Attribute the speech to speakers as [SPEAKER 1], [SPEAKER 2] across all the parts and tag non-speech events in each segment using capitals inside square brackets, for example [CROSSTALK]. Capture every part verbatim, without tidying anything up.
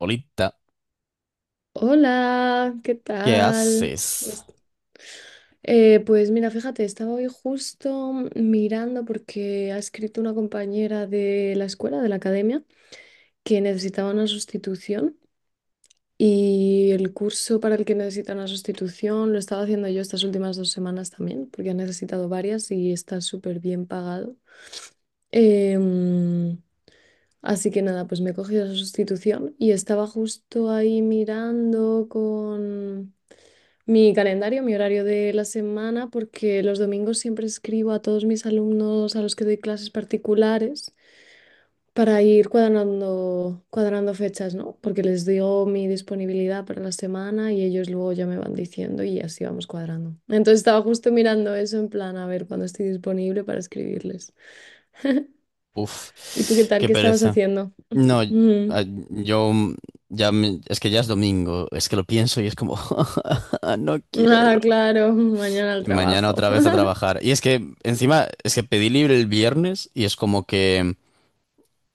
[SPEAKER 1] Olita,
[SPEAKER 2] Hola, ¿qué
[SPEAKER 1] ¿qué
[SPEAKER 2] tal?
[SPEAKER 1] haces?
[SPEAKER 2] Pues, Eh, pues mira, fíjate, estaba hoy justo mirando porque ha escrito una compañera de la escuela, de la academia, que necesitaba una sustitución y el curso para el que necesita una sustitución lo estaba haciendo yo estas últimas dos semanas también, porque ha necesitado varias y está súper bien pagado. Em, Así que nada, pues me he cogido esa sustitución y estaba justo ahí mirando con mi calendario, mi horario de la semana, porque los domingos siempre escribo a todos mis alumnos a los que doy clases particulares para ir cuadrando, cuadrando fechas, ¿no? Porque les digo mi disponibilidad para la semana y ellos luego ya me van diciendo y así vamos cuadrando. Entonces estaba justo mirando eso en plan a ver cuándo estoy disponible para escribirles.
[SPEAKER 1] Uf,
[SPEAKER 2] ¿Y tú qué tal?
[SPEAKER 1] qué
[SPEAKER 2] ¿Qué estabas
[SPEAKER 1] pereza.
[SPEAKER 2] haciendo? [LAUGHS]
[SPEAKER 1] No, y-
[SPEAKER 2] Mm.
[SPEAKER 1] ah, yo mm, ya me- Es que ya es domingo, es que lo pienso y es como [LAUGHS] no quiero.
[SPEAKER 2] Ah, claro, mañana al
[SPEAKER 1] Y mañana
[SPEAKER 2] trabajo.
[SPEAKER 1] otra vez a
[SPEAKER 2] [LAUGHS]
[SPEAKER 1] trabajar. Y es que encima es que pedí libre el viernes y es como que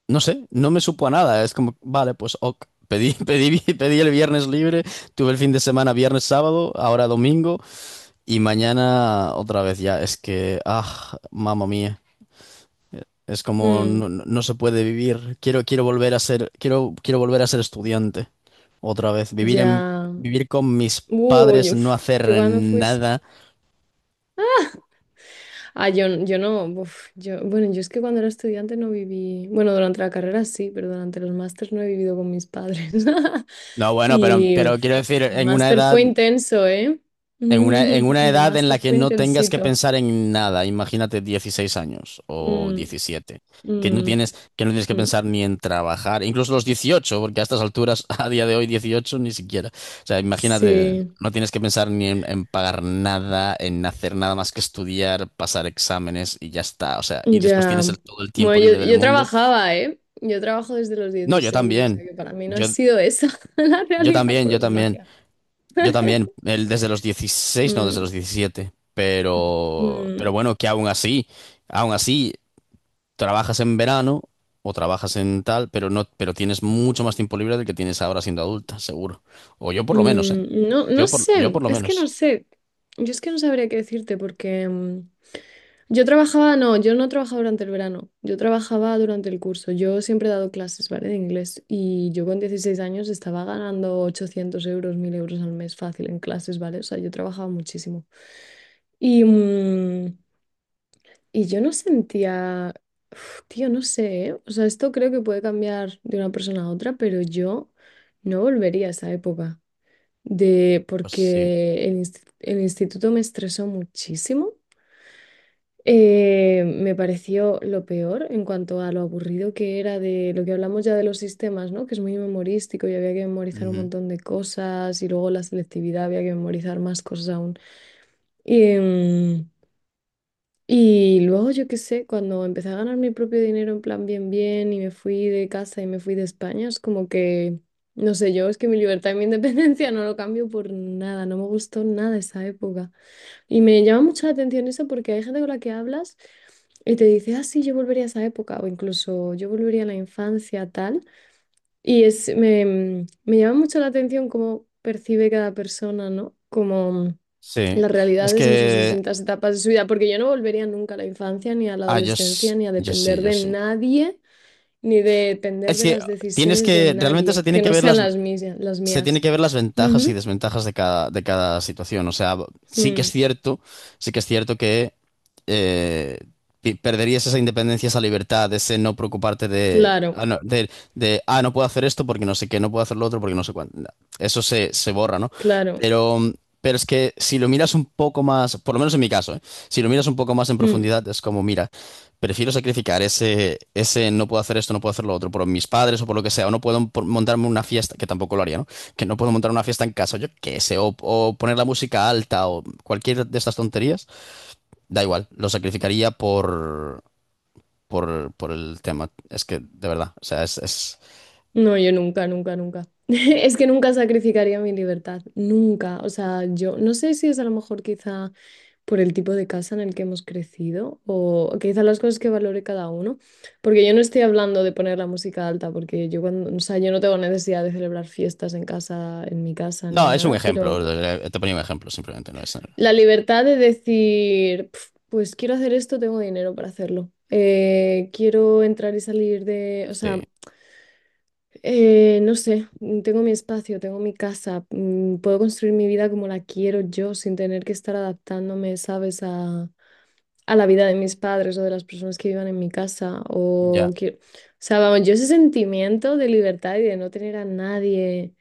[SPEAKER 1] no sé, no me supo a nada, es como vale, pues ok. Pedí, [LAUGHS] pedí, vi- pedí el viernes libre, tuve el fin de semana viernes, sábado, ahora domingo y mañana otra vez ya. Es que, ah, mamma mía. Es como
[SPEAKER 2] Mm,
[SPEAKER 1] no, no- no se puede vivir. Quiero, quiero volver a ser, quiero, quiero volver a ser estudiante otra vez. Vivir en,
[SPEAKER 2] ya.
[SPEAKER 1] vivir con mis
[SPEAKER 2] Uy,
[SPEAKER 1] padres, no
[SPEAKER 2] uf,
[SPEAKER 1] hacer
[SPEAKER 2] yo cuando fui,
[SPEAKER 1] nada.
[SPEAKER 2] ah, yo, n- yo no, uf, yo, bueno, yo es que cuando era estudiante no viví, bueno, durante la carrera sí, pero durante los másters no he vivido con mis padres. [LAUGHS]
[SPEAKER 1] No, bueno, pero,
[SPEAKER 2] Y
[SPEAKER 1] pero
[SPEAKER 2] uf,
[SPEAKER 1] quiero decir,
[SPEAKER 2] mi
[SPEAKER 1] en una
[SPEAKER 2] máster
[SPEAKER 1] edad.
[SPEAKER 2] fue intenso, ¿eh? [LAUGHS]
[SPEAKER 1] En una, en una
[SPEAKER 2] Mi
[SPEAKER 1] edad en la
[SPEAKER 2] máster
[SPEAKER 1] que
[SPEAKER 2] fue
[SPEAKER 1] no tengas que
[SPEAKER 2] intensito.
[SPEAKER 1] pensar en nada, imagínate dieciséis años o
[SPEAKER 2] Mm,
[SPEAKER 1] diecisiete que no
[SPEAKER 2] mm,
[SPEAKER 1] tienes, que no tienes que
[SPEAKER 2] mm.
[SPEAKER 1] pensar ni en trabajar, incluso los dieciocho porque a estas alturas, [LAUGHS] a día de hoy, dieciocho ni siquiera. O sea, imagínate,
[SPEAKER 2] Sí,
[SPEAKER 1] no tienes que pensar ni en, en pagar nada, en hacer nada más que estudiar, pasar exámenes y ya está. O sea, y después
[SPEAKER 2] ya.
[SPEAKER 1] tienes el- todo el
[SPEAKER 2] Bueno,
[SPEAKER 1] tiempo
[SPEAKER 2] yo,
[SPEAKER 1] libre del
[SPEAKER 2] yo
[SPEAKER 1] mundo.
[SPEAKER 2] trabajaba, ¿eh? Yo trabajo desde los
[SPEAKER 1] No, yo
[SPEAKER 2] dieciséis, o
[SPEAKER 1] también.
[SPEAKER 2] sea que para mí no ha
[SPEAKER 1] Yo,
[SPEAKER 2] sido esa [LAUGHS] la
[SPEAKER 1] yo
[SPEAKER 2] realidad,
[SPEAKER 1] también,
[SPEAKER 2] por
[SPEAKER 1] yo también.
[SPEAKER 2] desgracia.
[SPEAKER 1] Yo también, él desde los dieciséis, no,
[SPEAKER 2] Mm,
[SPEAKER 1] desde los diecisiete, pero, pero
[SPEAKER 2] mm.
[SPEAKER 1] bueno, que aún así, aún así, trabajas en verano o trabajas en tal, pero no, pero tienes mucho más tiempo libre del que tienes ahora siendo adulta, seguro. O yo por lo menos, ¿eh?
[SPEAKER 2] Mm, no, no
[SPEAKER 1] Yo por, yo
[SPEAKER 2] sé,
[SPEAKER 1] por lo
[SPEAKER 2] es que no
[SPEAKER 1] menos.
[SPEAKER 2] sé. Yo es que no sabría qué decirte porque mm, yo trabajaba, no, yo no trabajaba durante el verano, yo trabajaba durante el curso. Yo siempre he dado clases, ¿vale? De inglés, y yo con dieciséis años estaba ganando ochocientos euros, mil euros al mes fácil en clases, ¿vale? O sea, yo trabajaba muchísimo. Y, mm, y yo no sentía, uf, tío, no sé, ¿eh? O sea, esto creo que puede cambiar de una persona a otra, pero yo no volvería a esa época de,
[SPEAKER 1] Pues sí.
[SPEAKER 2] porque el, inst- el instituto me estresó muchísimo. Eh, me pareció lo peor en cuanto a lo aburrido que era, de lo que hablamos ya de los sistemas, ¿no? Que es muy memorístico y había que memorizar un
[SPEAKER 1] Ujú.
[SPEAKER 2] montón de cosas, y luego la selectividad, había que memorizar más cosas aún. Y luego, yo qué sé, cuando empecé a ganar mi propio dinero en plan bien, bien, y me fui de casa y me fui de España, es como que, no sé, yo es que mi libertad y mi independencia [LAUGHS] no lo cambio por nada, no me gustó nada esa época. Y me llama mucho la atención eso, porque hay gente con la que hablas y te dice, ah, sí, yo volvería a esa época, o incluso yo volvería a la infancia, tal. Y es, me, me llama mucho la atención cómo percibe cada persona, ¿no? Como
[SPEAKER 1] Sí.
[SPEAKER 2] las
[SPEAKER 1] Es
[SPEAKER 2] realidades en sus
[SPEAKER 1] que,
[SPEAKER 2] distintas etapas de su vida, porque yo no volvería nunca a la infancia, ni a la
[SPEAKER 1] ah, yo,
[SPEAKER 2] adolescencia,
[SPEAKER 1] s-
[SPEAKER 2] ni a
[SPEAKER 1] yo sí,
[SPEAKER 2] depender
[SPEAKER 1] yo
[SPEAKER 2] de
[SPEAKER 1] sí.
[SPEAKER 2] nadie, ni de depender
[SPEAKER 1] Es
[SPEAKER 2] de
[SPEAKER 1] que
[SPEAKER 2] las
[SPEAKER 1] tienes
[SPEAKER 2] decisiones de
[SPEAKER 1] que, realmente se
[SPEAKER 2] nadie,
[SPEAKER 1] tiene
[SPEAKER 2] que
[SPEAKER 1] que
[SPEAKER 2] no
[SPEAKER 1] ver
[SPEAKER 2] sean
[SPEAKER 1] las,
[SPEAKER 2] las mías, las
[SPEAKER 1] se tiene
[SPEAKER 2] mías.
[SPEAKER 1] que ver las ventajas y
[SPEAKER 2] Ujú.
[SPEAKER 1] desventajas de cada, de cada situación. O sea, sí que es
[SPEAKER 2] Mm,
[SPEAKER 1] cierto, sí que es cierto que eh, pi- perderías esa independencia, esa libertad, ese no preocuparte de
[SPEAKER 2] claro,
[SPEAKER 1] ah, no, de, de, ah, no puedo hacer esto porque no sé qué, no puedo hacer lo otro porque no sé cuánto. Eso se, se borra, ¿no?
[SPEAKER 2] claro.
[SPEAKER 1] Pero, pero es que si lo miras un poco más, por lo menos en mi caso, ¿eh? Si lo miras un poco más en
[SPEAKER 2] Mm.
[SPEAKER 1] profundidad, es como, mira, prefiero sacrificar ese, ese no puedo hacer esto, no puedo hacer lo otro por mis padres o por lo que sea, o no puedo por- montarme una fiesta, que tampoco lo haría, ¿no? Que no puedo montar una fiesta en casa, yo qué sé, o, o poner la música alta o cualquier de estas tonterías, da igual, lo sacrificaría por, por, por el tema. Es que, de verdad, o sea, es, es...
[SPEAKER 2] No, yo nunca, nunca, nunca. [LAUGHS] Es que nunca sacrificaría mi libertad, nunca. O sea, yo no sé si es a lo mejor quizá por el tipo de casa en el que hemos crecido, o quizá las cosas que valore cada uno, porque yo no estoy hablando de poner la música alta, porque yo cuando, o sea, yo no tengo necesidad de celebrar fiestas en casa, en mi casa ni
[SPEAKER 1] No, es un
[SPEAKER 2] nada,
[SPEAKER 1] ejemplo,
[SPEAKER 2] pero
[SPEAKER 1] eh, te ponía un ejemplo, simplemente, no es...
[SPEAKER 2] la libertad de decir, "Pf, pues quiero hacer esto, tengo dinero para hacerlo. Eh, quiero entrar y salir de, o
[SPEAKER 1] Sí,
[SPEAKER 2] sea, eh, no sé, mm, tengo mi espacio, tengo mi casa, mm, puedo construir mi vida como la quiero yo sin tener que estar adaptándome, ¿sabes? A, a la vida de mis padres o de las personas que vivan en mi casa. O,
[SPEAKER 1] ya.
[SPEAKER 2] que- o sea, vamos, yo ese sentimiento de libertad y de no tener a nadie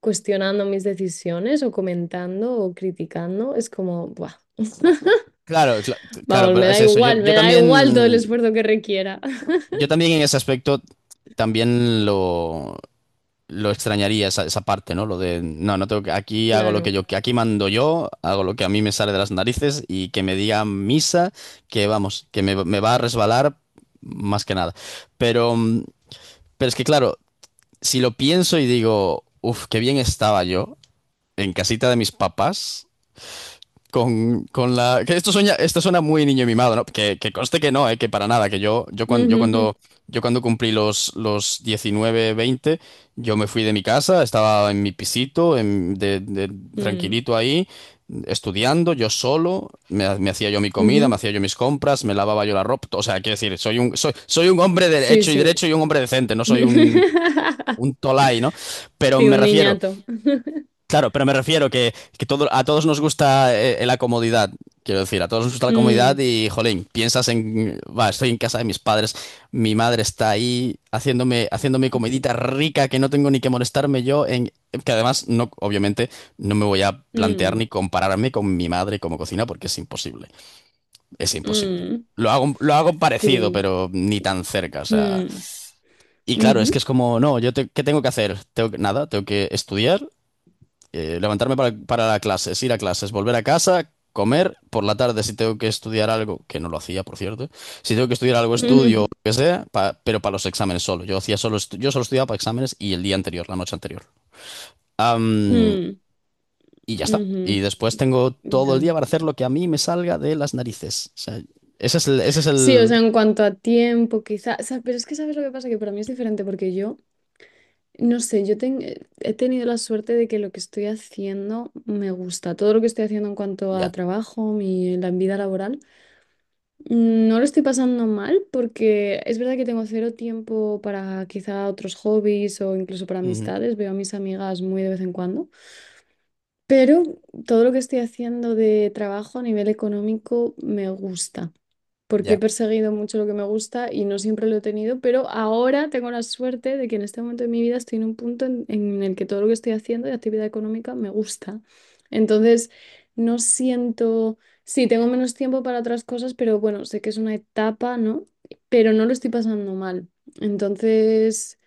[SPEAKER 2] cuestionando mis decisiones o comentando o criticando, es como, ¡buah! [LAUGHS]
[SPEAKER 1] Claro, cla- claro,
[SPEAKER 2] Vamos, me
[SPEAKER 1] pero
[SPEAKER 2] da
[SPEAKER 1] es eso. Yo,
[SPEAKER 2] igual,
[SPEAKER 1] yo
[SPEAKER 2] me da igual todo el
[SPEAKER 1] también,
[SPEAKER 2] esfuerzo que requiera. [LAUGHS]
[SPEAKER 1] yo también en ese aspecto también lo, lo extrañaría esa, esa parte, ¿no? Lo de, no, no tengo que, aquí hago lo que
[SPEAKER 2] Claro.
[SPEAKER 1] yo, que aquí mando yo, hago lo que a mí me sale de las narices y que me diga misa, que vamos, que me, me va a resbalar más que nada. Pero, mm, pero es que claro, si lo pienso y digo, uff, qué bien estaba yo en casita de mis papás con, con la. Que esto suena, esto suena muy niño mimado, ¿no? Que, que conste que no, ¿eh? Que para nada, que yo, yo, cuando, yo,
[SPEAKER 2] Ujú, ujú,
[SPEAKER 1] cuando, yo cuando cumplí los, los diecinueve veinte yo me fui de mi casa, estaba en mi pisito, en- de, de-
[SPEAKER 2] mm,
[SPEAKER 1] tranquilito ahí, estudiando, yo solo, me, ha- me hacía yo mi comida, me
[SPEAKER 2] ujú.
[SPEAKER 1] hacía yo mis compras, me lavaba yo la ropa. O sea, quiero decir, soy un, soy, soy un hombre de
[SPEAKER 2] Sí,
[SPEAKER 1] hecho y
[SPEAKER 2] sí.
[SPEAKER 1] derecho y un hombre decente, no soy un, un
[SPEAKER 2] [LAUGHS]
[SPEAKER 1] tolai, ¿no? Pero
[SPEAKER 2] Sí,
[SPEAKER 1] me
[SPEAKER 2] un
[SPEAKER 1] refiero.
[SPEAKER 2] niñato. [LAUGHS]
[SPEAKER 1] Claro, pero me refiero que, que todo, a todos nos gusta eh, eh, la comodidad. Quiero decir, a todos nos gusta la comodidad
[SPEAKER 2] Mm,
[SPEAKER 1] y, jolín, piensas en, va, estoy en casa de mis padres, mi madre está ahí haciéndome, haciéndome comidita rica que no tengo ni que molestarme yo, en, que además, no, obviamente, no me voy a plantear
[SPEAKER 2] mm,
[SPEAKER 1] ni compararme con mi madre como cocina porque es imposible, es imposible.
[SPEAKER 2] mm.
[SPEAKER 1] Lo hago, lo hago parecido,
[SPEAKER 2] Sí.
[SPEAKER 1] pero ni tan cerca, o sea.
[SPEAKER 2] Mm,
[SPEAKER 1] Y claro, es que
[SPEAKER 2] ujú,
[SPEAKER 1] es como, no, yo te- ¿qué tengo que hacer? Tengo que- nada, tengo que estudiar eh, levantarme para, para la clases, ir a clases, volver a casa, comer, por la tarde si tengo que estudiar algo, que no lo hacía, por cierto, si tengo que estudiar algo, estudio, lo
[SPEAKER 2] ujú,
[SPEAKER 1] que sea, pa- pero para los exámenes solo. Yo hacía solo, estu- yo solo estudiaba para exámenes y el día anterior, la noche anterior.
[SPEAKER 2] [LAUGHS]
[SPEAKER 1] Am,
[SPEAKER 2] mm,
[SPEAKER 1] y ya está. Y
[SPEAKER 2] ujú.
[SPEAKER 1] después tengo todo el
[SPEAKER 2] Ya.
[SPEAKER 1] día para hacer lo que a mí me salga de las narices. O sea, ese es el, ese es
[SPEAKER 2] Sí, o
[SPEAKER 1] el...
[SPEAKER 2] sea, en cuanto a tiempo, quizá, o sea, pero es que sabes lo que pasa, que para mí es diferente porque yo, no sé, yo ten- eh, he tenido la suerte de que lo que estoy haciendo me gusta, todo lo que estoy haciendo en cuanto a
[SPEAKER 1] Ya.
[SPEAKER 2] trabajo, mi, la vida laboral. No lo estoy pasando mal, porque es verdad que tengo cero tiempo para quizá otros hobbies o incluso para
[SPEAKER 1] Ujú,
[SPEAKER 2] amistades. Veo a mis amigas muy de vez en cuando, pero todo lo que estoy haciendo de trabajo a nivel económico me gusta, porque he
[SPEAKER 1] ya.
[SPEAKER 2] perseguido mucho lo que me gusta y no siempre lo he tenido, pero ahora tengo la suerte de que en este momento de mi vida estoy en un punto en, en el que todo lo que estoy haciendo de actividad económica me gusta. Entonces, no siento, sí, tengo menos tiempo para otras cosas, pero bueno, sé que es una etapa, ¿no? Pero no lo estoy pasando mal. Entonces,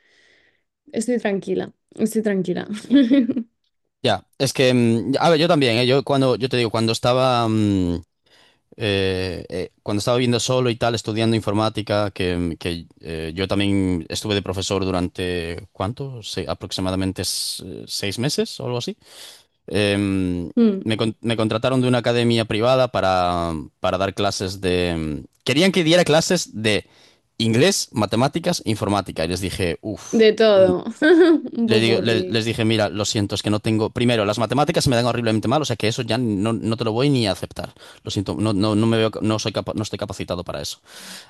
[SPEAKER 2] estoy tranquila, estoy tranquila. [LAUGHS]
[SPEAKER 1] Ya. Es que, mm, a ver, yo también, ¿eh? Yo cuando, yo te digo, cuando estaba... mm, eh, eh, cuando estaba viviendo solo y tal, estudiando informática, que, que, eh, yo también estuve de profesor durante, ¿cuánto? Se- aproximadamente s- seis meses o algo así. Em,
[SPEAKER 2] Mm,
[SPEAKER 1] me, con- Me contrataron de una academia privada para, para dar clases de... em, Querían que diera clases de inglés, matemáticas, informática. Y les dije, uff.
[SPEAKER 2] de todo, [LAUGHS] un
[SPEAKER 1] Le digo- le- les
[SPEAKER 2] popurrí,
[SPEAKER 1] dije, mira, lo siento, es que no tengo. Primero, las matemáticas se me dan horriblemente mal, o sea que eso ya no, no te lo voy ni a aceptar. Lo siento, no, no, no me veo, no soy capa- no estoy capacitado para eso.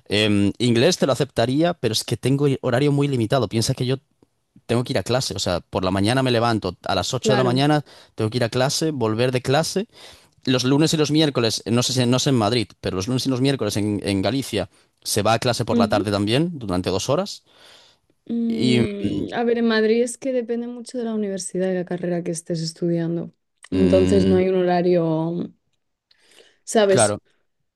[SPEAKER 1] Em, inglés te lo aceptaría, pero es que tengo horario muy limitado. Piensa que yo tengo que ir a clase, o sea, por la mañana me levanto, a las ocho de la
[SPEAKER 2] claro.
[SPEAKER 1] mañana tengo que ir a clase, volver de clase. Los lunes y los miércoles, no sé si no sé en Madrid, pero los lunes y los miércoles en, en Galicia se va a clase por la
[SPEAKER 2] Ujú.
[SPEAKER 1] tarde también, durante dos horas. Y
[SPEAKER 2] Mm, a ver, en Madrid es que depende mucho de la universidad y la carrera que estés estudiando. Entonces no
[SPEAKER 1] mm,
[SPEAKER 2] hay un horario,
[SPEAKER 1] claro,
[SPEAKER 2] ¿sabes?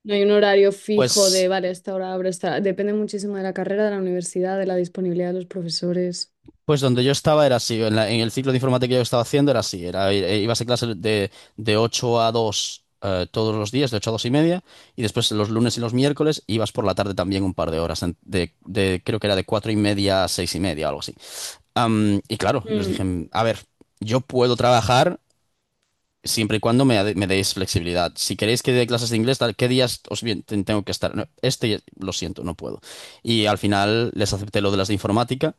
[SPEAKER 2] No hay un horario fijo de,
[SPEAKER 1] pues.
[SPEAKER 2] vale, a esta hora abro, a esta... hora". Depende muchísimo de la carrera, de la universidad, de la disponibilidad de los profesores.
[SPEAKER 1] Pues donde yo estaba era así, en, la- en el ciclo de informática que yo estaba haciendo era así, era, eh, ibas a clase de, de ocho a dos eh, todos los días, de ocho a dos y media, y después los lunes y los miércoles ibas por la tarde también un par de horas, en- de, de- creo que era de cuatro y media a seis y media, algo así. Am, y claro, yo les dije,
[SPEAKER 2] Mm,
[SPEAKER 1] a ver, yo puedo trabajar siempre y cuando me, ade- me deis flexibilidad. Si queréis que dé clases de inglés, tal, ¿qué días os bien, ten- tengo que estar? No, este, lo siento, no puedo. Y al final les acepté lo de las de informática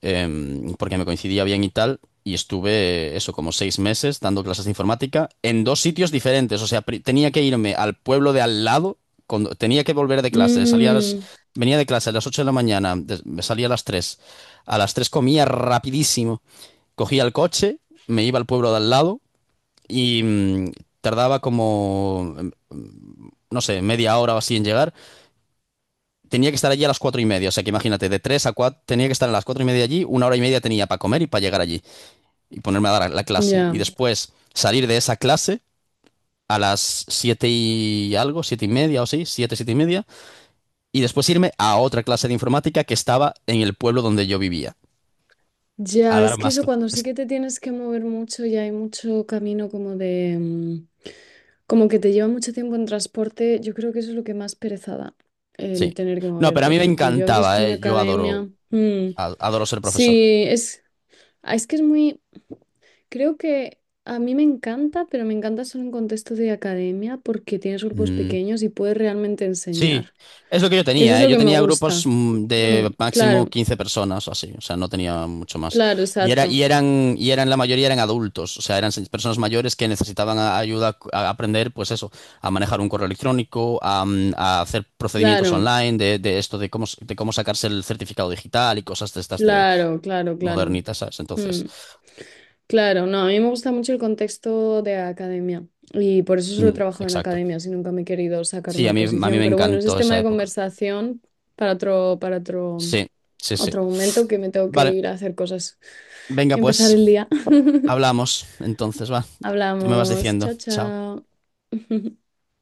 [SPEAKER 1] em, porque me coincidía bien y tal, y estuve eso como seis meses dando clases de informática en dos sitios diferentes, o sea, pri- tenía que irme al pueblo de al lado, cuando- tenía que volver de clase, salía a las-
[SPEAKER 2] mm,
[SPEAKER 1] venía de clase a las ocho de la mañana, des- me salía a las tres a las tres comía rapidísimo, cogía el coche, me iba al pueblo de al lado y mm, tardaba como, em, no sé, media hora o así en llegar. Tenía que estar allí a las cuatro y media, o sea que imagínate, de tres a cuatro, tenía que estar a las cuatro y media allí, una hora y media tenía para comer y para llegar allí y ponerme a dar la clase. Y
[SPEAKER 2] ya.
[SPEAKER 1] después salir de esa clase a las siete y algo, siete y media o sí, siete, siete y media, y después irme a otra clase de informática que estaba en el pueblo donde yo vivía, a
[SPEAKER 2] Ya,
[SPEAKER 1] dar
[SPEAKER 2] es que
[SPEAKER 1] más.
[SPEAKER 2] eso,
[SPEAKER 1] cl-
[SPEAKER 2] cuando sí
[SPEAKER 1] es-
[SPEAKER 2] que te tienes que mover mucho y hay mucho camino como de... mm, Como que te lleva mucho tiempo en transporte, yo creo que eso es lo que más pereza da, el
[SPEAKER 1] Sí.
[SPEAKER 2] tener que
[SPEAKER 1] No, pero a
[SPEAKER 2] moverte,
[SPEAKER 1] mí me
[SPEAKER 2] porque yo a veces
[SPEAKER 1] encantaba,
[SPEAKER 2] con mi
[SPEAKER 1] eh, yo adoro,
[SPEAKER 2] academia... mm,
[SPEAKER 1] a- adoro ser profesor.
[SPEAKER 2] Sí, es... Ah, es que es muy... Creo que a mí me encanta, pero me encanta solo en contexto de academia, porque tienes grupos
[SPEAKER 1] Mm.
[SPEAKER 2] pequeños y puedes realmente
[SPEAKER 1] Sí,
[SPEAKER 2] enseñar.
[SPEAKER 1] es lo que yo
[SPEAKER 2] Y eso es
[SPEAKER 1] tenía, ¿eh?
[SPEAKER 2] lo
[SPEAKER 1] Yo
[SPEAKER 2] que me
[SPEAKER 1] tenía grupos
[SPEAKER 2] gusta.
[SPEAKER 1] mm,
[SPEAKER 2] Mm,
[SPEAKER 1] de máximo
[SPEAKER 2] claro,
[SPEAKER 1] quince personas o así, o sea, no tenía mucho más.
[SPEAKER 2] claro,
[SPEAKER 1] Y era,
[SPEAKER 2] exacto.
[SPEAKER 1] y eran, y eran, la mayoría eran adultos, o sea, eran se- personas mayores que necesitaban a- ayuda a aprender, pues eso, a manejar un correo electrónico, a, mm, a hacer procedimientos
[SPEAKER 2] Claro,
[SPEAKER 1] online de, de esto, de cómo, s- de cómo sacarse el certificado digital y cosas de estas de
[SPEAKER 2] claro, claro, claro.
[SPEAKER 1] modernitas, ¿sabes? Entonces,
[SPEAKER 2] Mm. Claro, no, a mí me gusta mucho el contexto de academia, y por eso solo
[SPEAKER 1] mm,
[SPEAKER 2] trabajo en
[SPEAKER 1] exacto.
[SPEAKER 2] academia, si nunca me he querido sacar
[SPEAKER 1] Sí, a
[SPEAKER 2] una
[SPEAKER 1] mí, a mí
[SPEAKER 2] posición,
[SPEAKER 1] me
[SPEAKER 2] pero bueno, ese es
[SPEAKER 1] encantó
[SPEAKER 2] tema
[SPEAKER 1] esa
[SPEAKER 2] de
[SPEAKER 1] época.
[SPEAKER 2] conversación para otro, para otro,
[SPEAKER 1] Sí, sí, sí.
[SPEAKER 2] otro momento, que me tengo que
[SPEAKER 1] Vale,
[SPEAKER 2] ir a hacer cosas
[SPEAKER 1] venga
[SPEAKER 2] y empezar
[SPEAKER 1] pues,
[SPEAKER 2] el día. [LAUGHS]
[SPEAKER 1] hablamos, entonces va. Ya me vas
[SPEAKER 2] Hablamos,
[SPEAKER 1] diciendo.
[SPEAKER 2] chao,
[SPEAKER 1] Chao.
[SPEAKER 2] chao. [LAUGHS]